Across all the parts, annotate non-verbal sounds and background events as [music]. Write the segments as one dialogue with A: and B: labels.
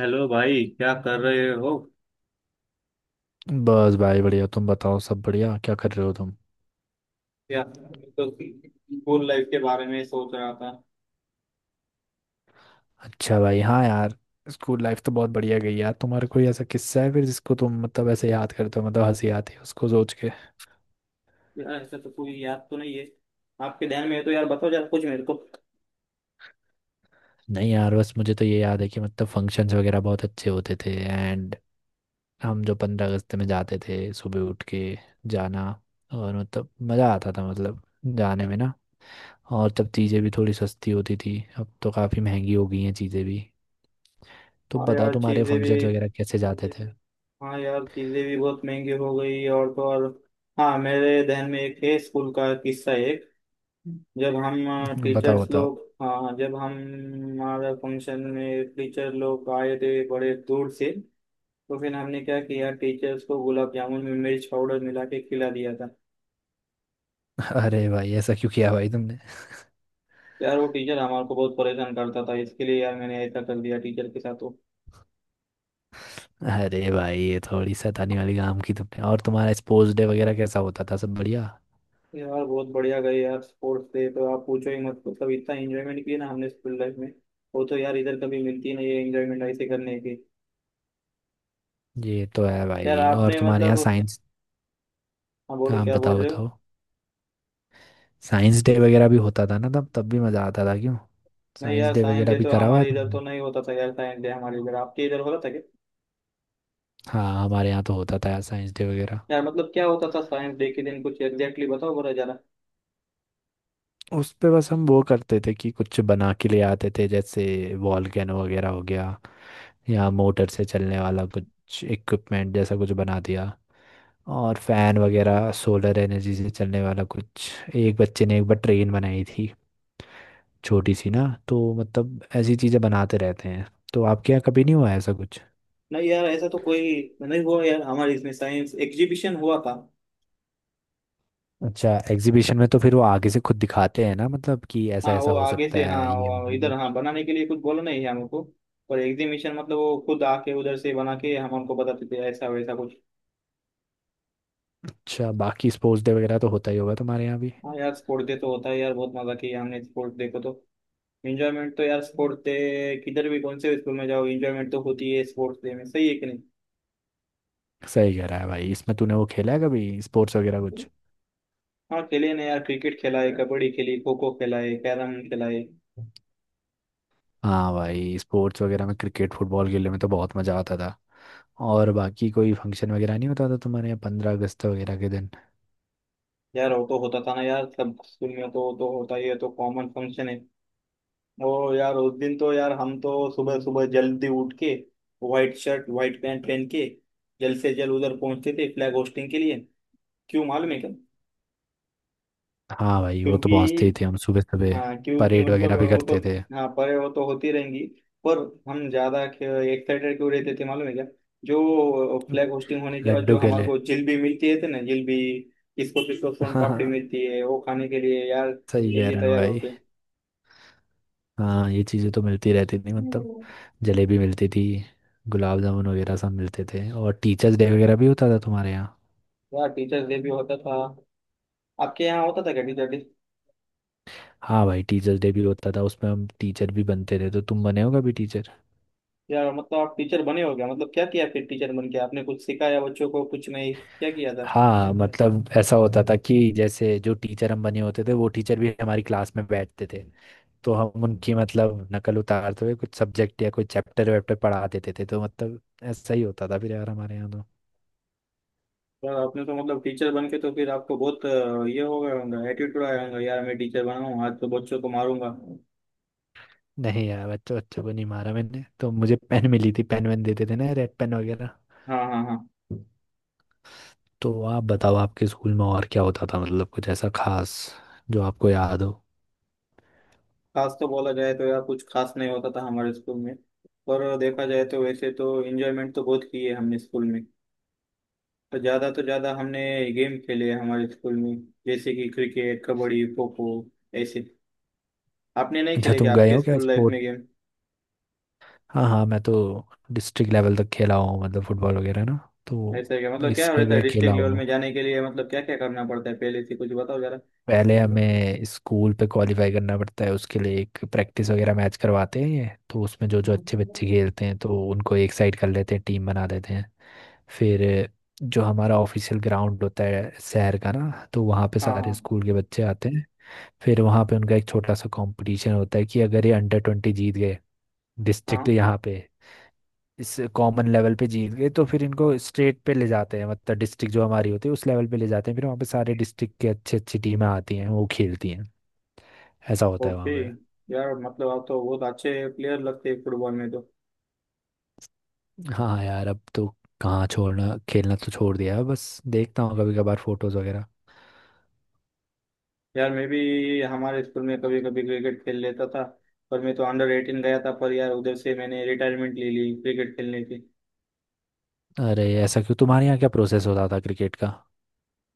A: Hello भाई, क्या कर रहे हो।
B: बस भाई बढ़िया। तुम बताओ, सब बढ़िया? क्या कर रहे हो तुम?
A: यार मैं तो स्कूल लाइफ के बारे में सोच रहा था।
B: अच्छा भाई, हाँ यार। स्कूल लाइफ तो बहुत बढ़िया गई यार। तुम्हारा कोई ऐसा किस्सा है फिर जिसको तुम मतलब ऐसे याद करते हो, मतलब हंसी आती है उसको सोच के?
A: यार ऐसा तो कोई याद तो नहीं है। आपके ध्यान में है तो यार बताओ जरा कुछ मेरे को।
B: नहीं यार, बस मुझे तो ये याद है कि मतलब फंक्शंस वगैरह बहुत अच्छे होते थे। एंड हम जो 15 अगस्त में जाते थे सुबह उठ के जाना, और मतलब मज़ा आता था मतलब जाने में ना। और तब चीज़ें भी थोड़ी सस्ती होती थी, अब तो काफ़ी महंगी हो गई हैं चीज़ें भी। तो
A: हाँ
B: बताओ
A: यार
B: तुम्हारे
A: चीज़ें भी,
B: फंक्शंस वगैरह कैसे जाते थे?
A: हाँ यार चीज़ें भी बहुत महंगी हो गई, और तो और। हाँ मेरे ध्यान में एक है स्कूल का किस्सा एक। जब हम
B: [laughs] बताओ
A: टीचर्स
B: बताओ।
A: लोग, हाँ जब हम, हमारा फंक्शन में टीचर लोग आए थे बड़े दूर से। तो फिर हमने क्या किया, टीचर्स को गुलाब जामुन में मिर्च पाउडर मिला के खिला दिया था।
B: अरे भाई ऐसा क्यों किया भाई तुमने?
A: यार वो टीचर हमारे को बहुत परेशान करता था, इसके लिए यार मैंने ऐसा कर दिया टीचर के साथ तो।
B: अरे भाई ये थोड़ी शैतानी वाली काम की तुमने, और तुम्हारा स्पोर्ट्स डे वगैरह कैसा होता था, सब बढ़िया?
A: यार बहुत बढ़िया गए यार स्पोर्ट्स डे, तो आप पूछो ही मत, मतलब इतना एंजॉयमेंट किया ना हमने स्कूल लाइफ में। वो तो यार इधर कभी मिलती नहीं है एंजॉयमेंट ऐसे करने की।
B: ये तो है
A: यार
B: भाई। और
A: आपने
B: तुम्हारे यहाँ
A: मतलब,
B: साइंस...
A: हाँ बोलो
B: हाँ
A: क्या बोल
B: बताओ
A: रहे हो।
B: बताओ। साइंस डे वगैरह भी होता था ना, तब तब भी मज़ा आता था, क्यों?
A: नहीं
B: साइंस
A: यार
B: डे
A: साइंस
B: वगैरह
A: डे
B: भी
A: तो
B: करा हुआ है
A: हमारे इधर तो
B: तुमने?
A: नहीं होता था, यार साइंस डे हमारे इधर, आपके इधर होता था क्या।
B: हाँ हमारे यहाँ तो होता था यार साइंस डे वगैरह।
A: यार मतलब क्या होता था साइंस डे के दिन, कुछ एग्जैक्टली बताओ बोला जरा।
B: उस पे बस हम वो करते थे कि कुछ बना के ले आते थे, जैसे वॉल्केनो वगैरह हो गया, या मोटर से चलने वाला कुछ इक्विपमेंट जैसा कुछ बना दिया, और फैन वगैरह सोलर एनर्जी से चलने वाला कुछ। एक बच्चे ने एक बार ट्रेन बनाई थी छोटी सी ना, तो मतलब ऐसी चीज़ें बनाते रहते हैं। तो आपके यहाँ कभी नहीं हुआ ऐसा कुछ?
A: नहीं यार ऐसा तो कोई नहीं हुआ यार, हमारे इसमें साइंस एग्जीबिशन हुआ था।
B: अच्छा, एग्जीबिशन में तो फिर वो आगे से खुद दिखाते हैं ना, मतलब कि ऐसा
A: हाँ
B: ऐसा
A: वो
B: हो
A: आगे
B: सकता
A: से, हाँ
B: है ये हो
A: वो
B: सकता
A: इधर,
B: है।
A: हाँ बनाने के लिए कुछ बोला नहीं है हमको। पर एग्जीबिशन मतलब वो खुद आके उधर से बना के हम हमको बताते थे ऐसा वैसा कुछ।
B: अच्छा, बाकी स्पोर्ट्स डे वगैरह तो होता ही होगा तुम्हारे यहाँ भी।
A: हाँ यार स्पोर्ट डे तो होता है यार, बहुत मजा किया हमने स्पोर्ट डे को तो। एंजॉयमेंट तो यार स्पोर्ट डे, किधर भी कौन से स्कूल में जाओ एंजॉयमेंट तो होती है स्पोर्ट्स डे में, सही है कि नहीं।
B: सही कह रहा है भाई, इसमें तूने वो खेला है कभी स्पोर्ट्स वगैरह कुछ?
A: हाँ खेले ना यार, क्रिकेट खेला है, कबड्डी खेली, खो खो खेला है, कैरम खेला है।
B: हाँ भाई स्पोर्ट्स वगैरह में क्रिकेट फुटबॉल खेलने में तो बहुत मज़ा आता था। और बाकी कोई फंक्शन वगैरह नहीं होता था तुम्हारे यहाँ 15 अगस्त वगैरह के दिन?
A: यार वो तो होता था ना यार, सब स्कूल में तो होता ही है, तो कॉमन फंक्शन है। ओ यार उस दिन तो यार हम तो सुबह सुबह जल्दी उठ के, व्हाइट शर्ट व्हाइट पैंट पहन के, जल्द से जल्द उधर पहुंचते थे फ्लैग होस्टिंग के लिए। क्यों मालूम है क्या।
B: हाँ भाई वो तो
A: क्योंकि,
B: पहुँचते ही थे हम सुबह सुबह,
A: हाँ क्योंकि
B: परेड
A: मतलब
B: वगैरह भी
A: वो तो,
B: करते थे।
A: हाँ परे वो तो होती रहेंगी। पर हम ज्यादा एक्साइटेड क्यों रहते थे मालूम है क्या। जो फ्लैग होस्टिंग होने के बाद
B: लड्डू
A: जो हमारे
B: खेले?
A: को जिलेबी मिलती है थे ना जिलेबी, किसको किसको सोन पापड़ी
B: हाँ।
A: मिलती है वो खाने के लिए यार।
B: [laughs] सही कह
A: जल्दी
B: रहे हो
A: तैयार
B: भाई।
A: होते।
B: हाँ ये चीज़ें तो मिलती रहती थी मतलब, जलेबी मिलती थी, गुलाब जामुन वगैरह सब मिलते थे। और टीचर्स डे वगैरह भी होता था तुम्हारे यहाँ?
A: यार टीचर्स डे भी होता था। आपके यहाँ होता था क्या टीचर डे।
B: हाँ भाई टीचर्स डे भी होता था, उसमें हम टीचर भी बनते थे, तो तुम बने हो कभी टीचर?
A: यार मतलब आप टीचर बने हो क्या, मतलब क्या किया फिर टीचर बन के, आपने कुछ सिखाया बच्चों को कुछ नहीं क्या किया था।
B: हाँ मतलब ऐसा होता था कि जैसे जो टीचर हम बने होते थे वो टीचर भी हमारी क्लास में बैठते थे, तो हम उनकी मतलब नकल उतारते हुए कुछ सब्जेक्ट या कोई चैप्टर वैप्टर पढ़ा देते थे, तो मतलब ऐसा ही होता था फिर यार हमारे यहाँ तो।
A: यार आपने तो मतलब टीचर बन के तो फिर आपको बहुत ये हो गया होगा एटीट्यूड आया होगा, यार मैं टीचर बना हूँ आज तो बच्चों को मारूंगा।
B: नहीं यार, बच्चों बच्चों को नहीं मारा मैंने, तो मुझे पेन मिली थी, पेन वेन देते थे ना, रेड पेन वगैरह।
A: हाँ, हाँ, हाँ।
B: तो आप बताओ आपके स्कूल में और क्या होता था, मतलब कुछ ऐसा खास जो आपको याद हो?
A: खास तो बोला जाए तो यार कुछ खास नहीं होता था हमारे स्कूल में, पर देखा जाए तो वैसे तो एंजॉयमेंट तो बहुत की है हमने स्कूल में। तो ज़्यादा हमने गेम खेले हैं हमारे स्कूल में, जैसे कि क्रिकेट, कबड्डी, खो खो, ऐसे। आपने नहीं
B: अच्छा,
A: खेले क्या
B: तुम गए
A: आपके
B: हो क्या
A: स्कूल लाइफ में
B: स्पोर्ट?
A: गेम।
B: हाँ हाँ मैं तो डिस्ट्रिक्ट लेवल तक खेला हूँ, मतलब फुटबॉल वगैरह ना। तो
A: ऐसा है क्या, मतलब क्या
B: इसमें
A: रहता है
B: मैं खेला
A: डिस्ट्रिक्ट लेवल
B: हूँ।
A: में जाने के लिए, मतलब क्या क्या करना पड़ता है पहले से कुछ बताओ जरा।
B: पहले हमें स्कूल पे क्वालिफाई करना पड़ता है, उसके लिए एक प्रैक्टिस वगैरह मैच करवाते हैं, ये तो उसमें जो जो
A: हाँ,
B: अच्छे बच्चे खेलते हैं तो उनको एक साइड कर लेते हैं, टीम बना देते हैं। फिर जो हमारा ऑफिशियल ग्राउंड होता है शहर का ना, तो वहाँ पे सारे
A: हाँ,
B: स्कूल के बच्चे आते हैं। फिर वहाँ पे उनका एक छोटा सा कंपटीशन होता है कि अगर ये अंडर 20 जीत गए, डिस्ट्रिक्ट
A: हाँ।
B: यहाँ पे, इस कॉमन लेवल पे जीत गए, तो फिर इनको स्टेट पे ले जाते हैं, मतलब डिस्ट्रिक्ट जो हमारी होती है उस लेवल पे ले जाते हैं, फिर वहाँ पे सारे डिस्ट्रिक्ट के अच्छी अच्छी टीमें आती हैं वो खेलती हैं। ऐसा होता है
A: ओके।
B: वहाँ पे।
A: यार मतलब आप तो बहुत अच्छे प्लेयर लगते हैं फुटबॉल में तो।
B: हाँ यार अब तो कहाँ, छोड़ना खेलना तो छोड़ दिया है, बस देखता हूँ कभी कभार फोटोज वगैरह।
A: यार मैं भी हमारे स्कूल में कभी कभी क्रिकेट खेल लेता था, पर मैं तो अंडर एटीन गया था, पर यार उधर से मैंने रिटायरमेंट ले ली क्रिकेट खेलने की।
B: अरे ऐसा क्यों? तुम्हारे यहाँ क्या प्रोसेस होता था क्रिकेट का?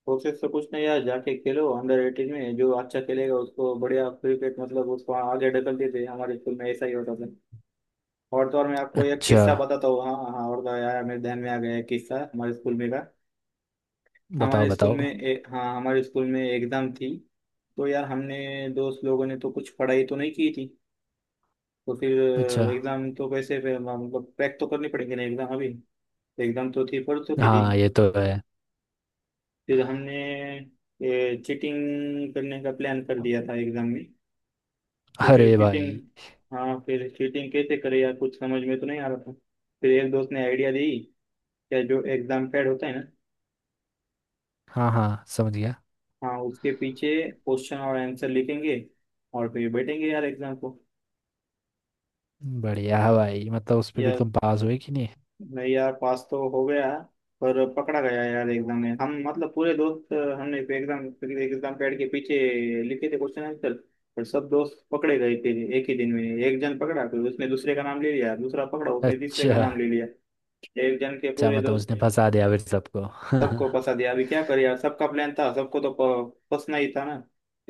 A: कोशिश तो कुछ नहीं यार, जाके खेलो अंडर एटीन में, जो अच्छा खेलेगा उसको बढ़िया क्रिकेट मतलब उसको आगे ढकल देते हैं। हमारे स्कूल में ऐसा ही होता था। और तो और मैं आपको एक
B: अच्छा,
A: किस्सा बताता हूँ, हाँ हाँ हाँ, और तो यार मेरे ध्यान में आ गया एक किस्सा हमारे स्कूल में का।
B: बताओ
A: हमारे स्कूल
B: बताओ।
A: में हाँ हमारे स्कूल में एग्जाम थी, तो यार हमने दोस्त लोगों ने तो कुछ पढ़ाई तो नहीं की थी। तो फिर
B: अच्छा।
A: एग्जाम तो कैसे फिर मतलब क्रैक तो करनी पड़ेगी ना एग्जाम, अभी एग्जाम तो थी परसों के दिन।
B: हाँ ये तो है।
A: फिर हमने चीटिंग करने का प्लान कर दिया था एग्जाम में। तो फिर
B: अरे
A: चीटिंग,
B: भाई।
A: हाँ फिर चीटिंग कैसे करे यार, कुछ समझ में तो नहीं आ रहा था। फिर एक दोस्त ने आइडिया दी, या जो एग्जाम पैड होता है ना,
B: हाँ हाँ समझ गया।
A: हाँ उसके पीछे क्वेश्चन और आंसर लिखेंगे और फिर बैठेंगे यार एग्जाम को।
B: बढ़िया है भाई, मतलब उस पे फिर
A: यार
B: तुम पास हुए कि नहीं?
A: नहीं यार, पास तो हो गया, पर पकड़ा गया यार एग्जाम में हम, मतलब पूरे दोस्त हमने एग्जाम, एग्जाम पैड के पीछे लिखे थे क्वेश्चन आंसर, पर सब दोस्त पकड़े गए थे। एक ही दिन में एक जन पकड़ा फिर उसने दूसरे का नाम ले लिया, दूसरा पकड़ा उसने तीसरे का
B: अच्छा।
A: नाम ले लिया, एक जन के
B: अच्छा,
A: पूरे
B: मतलब उसने एक
A: दोस्त
B: फंसा दिया फिर सबको।
A: सबको
B: [laughs]
A: फंसा दिया। अभी क्या करे यार, सबका प्लान था, सबको तो फंसना ही था ना।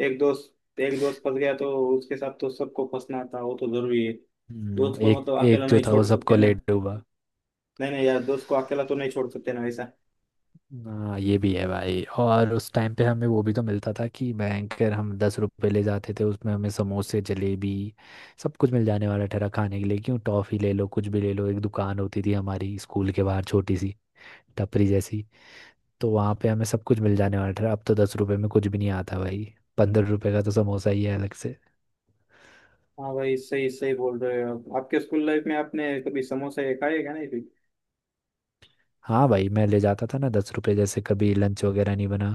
A: एक दोस्त फंस गया तो उसके साथ तो सबको फंसना था, वो तो जरूरी है। दोस्त को
B: एक
A: मतलब
B: एक
A: अकेला
B: जो
A: नहीं
B: था वो
A: छोड़
B: सबको
A: सकते
B: ले
A: ना,
B: डूबा।
A: नहीं नहीं यार दोस्त को अकेला तो नहीं छोड़ सकते ना वैसा।
B: हाँ ये भी है भाई। और उस टाइम पे हमें वो भी तो मिलता था कि बैंकर हम 10 रुपए ले जाते थे, उसमें हमें समोसे जलेबी सब कुछ मिल जाने वाला ठहरा खाने के लिए, क्यों, टॉफी ले लो कुछ भी ले लो। एक दुकान होती थी हमारी स्कूल के बाहर छोटी सी टपरी जैसी, तो वहाँ पे हमें सब कुछ मिल जाने वाला ठहरा। अब तो 10 रुपए में कुछ भी नहीं आता भाई, 15 रुपए का तो समोसा ही है अलग से।
A: हाँ भाई सही सही बोल रहे हो आप। आपके स्कूल लाइफ में आपने कभी समोसे खाए क्या नहीं फिर।
B: हाँ भाई मैं ले जाता था ना 10 रुपये, जैसे कभी लंच वगैरह नहीं बना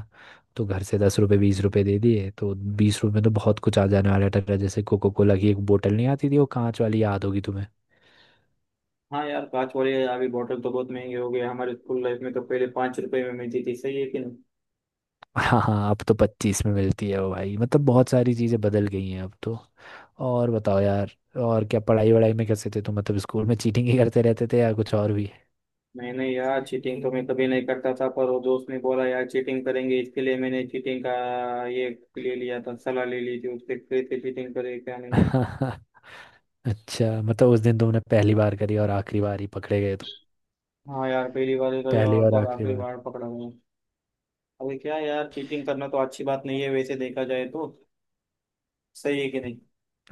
B: तो घर से 10 रुपये 20 रुपये दे दिए, तो 20 रुपये में तो बहुत कुछ आ जाने वाला था, जैसे कोको कोला की एक बोतल नहीं आती थी वो कांच वाली, याद होगी तुम्हें?
A: हाँ यार कांच वाले अभी बॉटल तो बहुत महंगे हो गए, हमारे स्कूल लाइफ में तो पहले पाँच रुपए में मिलती थी, सही है कि नहीं।
B: [laughs] हाँ हाँ अब तो 25 में मिलती है वो भाई, मतलब बहुत सारी चीज़ें बदल गई हैं अब तो। और बताओ यार, और क्या, पढ़ाई वढ़ाई में कैसे थे तुम, मतलब स्कूल में चीटिंग ही करते रहते थे या कुछ और भी?
A: नहीं यार चीटिंग तो मैं कभी नहीं करता था, पर वो दोस्त ने बोला यार चीटिंग करेंगे, इसके लिए मैंने चीटिंग का ये ले लिया था, सलाह ले ली थी उससे कैसे चीटिंग करे क्या नहीं।
B: [laughs] अच्छा, मतलब उस दिन तुमने पहली बार करी और आखिरी बार ही पकड़े गए तुम।
A: हाँ यार पहली बार ही गई
B: पहली
A: और तो
B: और
A: और
B: आखिरी
A: आखिरी
B: बार।
A: बार पकड़ा गया। अभी क्या यार, चीटिंग करना तो अच्छी बात नहीं है वैसे देखा जाए तो, सही है कि नहीं।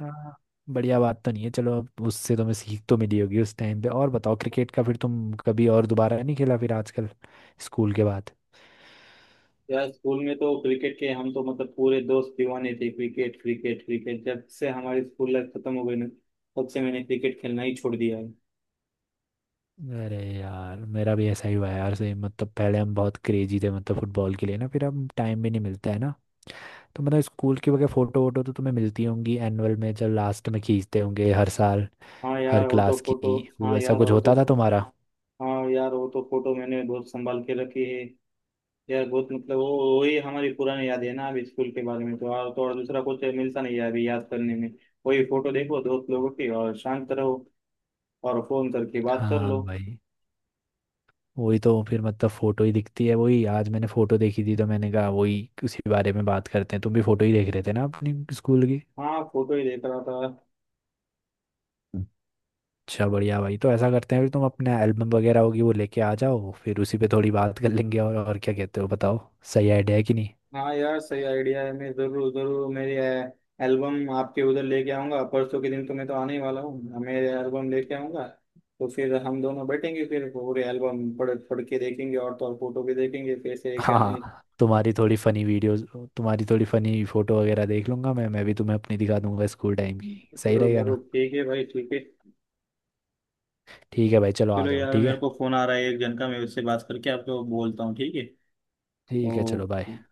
B: हाँ बढ़िया बात तो नहीं है, चलो अब उससे तुम्हें सीख तो मिली होगी उस टाइम पे। और बताओ, क्रिकेट का फिर तुम कभी और दोबारा नहीं खेला फिर आजकल स्कूल के बाद?
A: यार स्कूल में तो क्रिकेट के हम तो मतलब पूरे दोस्त दीवाने थे, क्रिकेट क्रिकेट क्रिकेट, जब से हमारी स्कूल लाइफ खत्म हो गई ना तब से मैंने क्रिकेट खेलना ही छोड़ दिया है।
B: अरे यार मेरा भी ऐसा ही हुआ है यार सेम, मतलब पहले हम बहुत क्रेजी थे मतलब फुटबॉल के लिए ना, फिर अब टाइम भी नहीं मिलता है ना। तो मतलब स्कूल की वगैरह फोटो वोटो तो तुम्हें मिलती होंगी एनुअल में, जब लास्ट में खींचते होंगे हर साल
A: हाँ
B: हर
A: यार हो तो
B: क्लास
A: फोटो,
B: की,
A: हाँ
B: वैसा
A: यार
B: कुछ
A: हो तो,
B: होता था तुम्हारा?
A: हाँ यार वो तो फोटो मैंने बहुत संभाल के रखी है यार। बहुत मतलब वो वही हमारी पुरानी याद है ना अभी स्कूल के बारे में तो, और तो और दूसरा कुछ मिलता नहीं है अभी याद करने में। वही फोटो देखो दोस्त लोगों की और शांत रहो और फोन करके बात कर
B: हाँ
A: लो।
B: भाई, वही तो फिर मतलब फोटो ही दिखती है, वही आज मैंने फोटो देखी थी तो मैंने कहा वही उसी बारे में बात करते हैं, तुम भी फोटो ही देख रहे थे ना अपनी स्कूल की?
A: हाँ फोटो ही देख रहा था।
B: अच्छा बढ़िया भाई, तो ऐसा करते हैं फिर, तुम अपने एल्बम वगैरह होगी वो लेके आ जाओ, फिर उसी पे थोड़ी बात कर लेंगे, और क्या कहते हो बताओ, सही आइडिया है कि नहीं?
A: हाँ यार सही आइडिया है, मैं जरूर जरूर मेरी एल्बम आपके उधर लेके आऊंगा परसों के दिन, तो मैं तो आने ही वाला हूँ हाँ, मेरे एल्बम लेके आऊंगा। तो फिर हम दोनों बैठेंगे फिर पूरे एल्बम पढ़ पढ़ के देखेंगे और तो और फोटो भी देखेंगे कैसे क्या।
B: हाँ तुम्हारी थोड़ी फनी वीडियोस, तुम्हारी थोड़ी फनी फोटो वगैरह देख लूंगा मैं भी तुम्हें अपनी दिखा दूंगा स्कूल टाइम की, सही
A: जरूर
B: रहेगा
A: जरूर,
B: ना?
A: ठीक है भाई ठीक है।
B: ठीक है भाई चलो आ
A: चलो
B: जाओ,
A: यार
B: ठीक
A: मेरे
B: है।
A: को फोन आ रहा है एक जन का, मैं उससे बात करके आपको बोलता हूँ, ठीक है।
B: ठीक है चलो,
A: तो
B: बाय।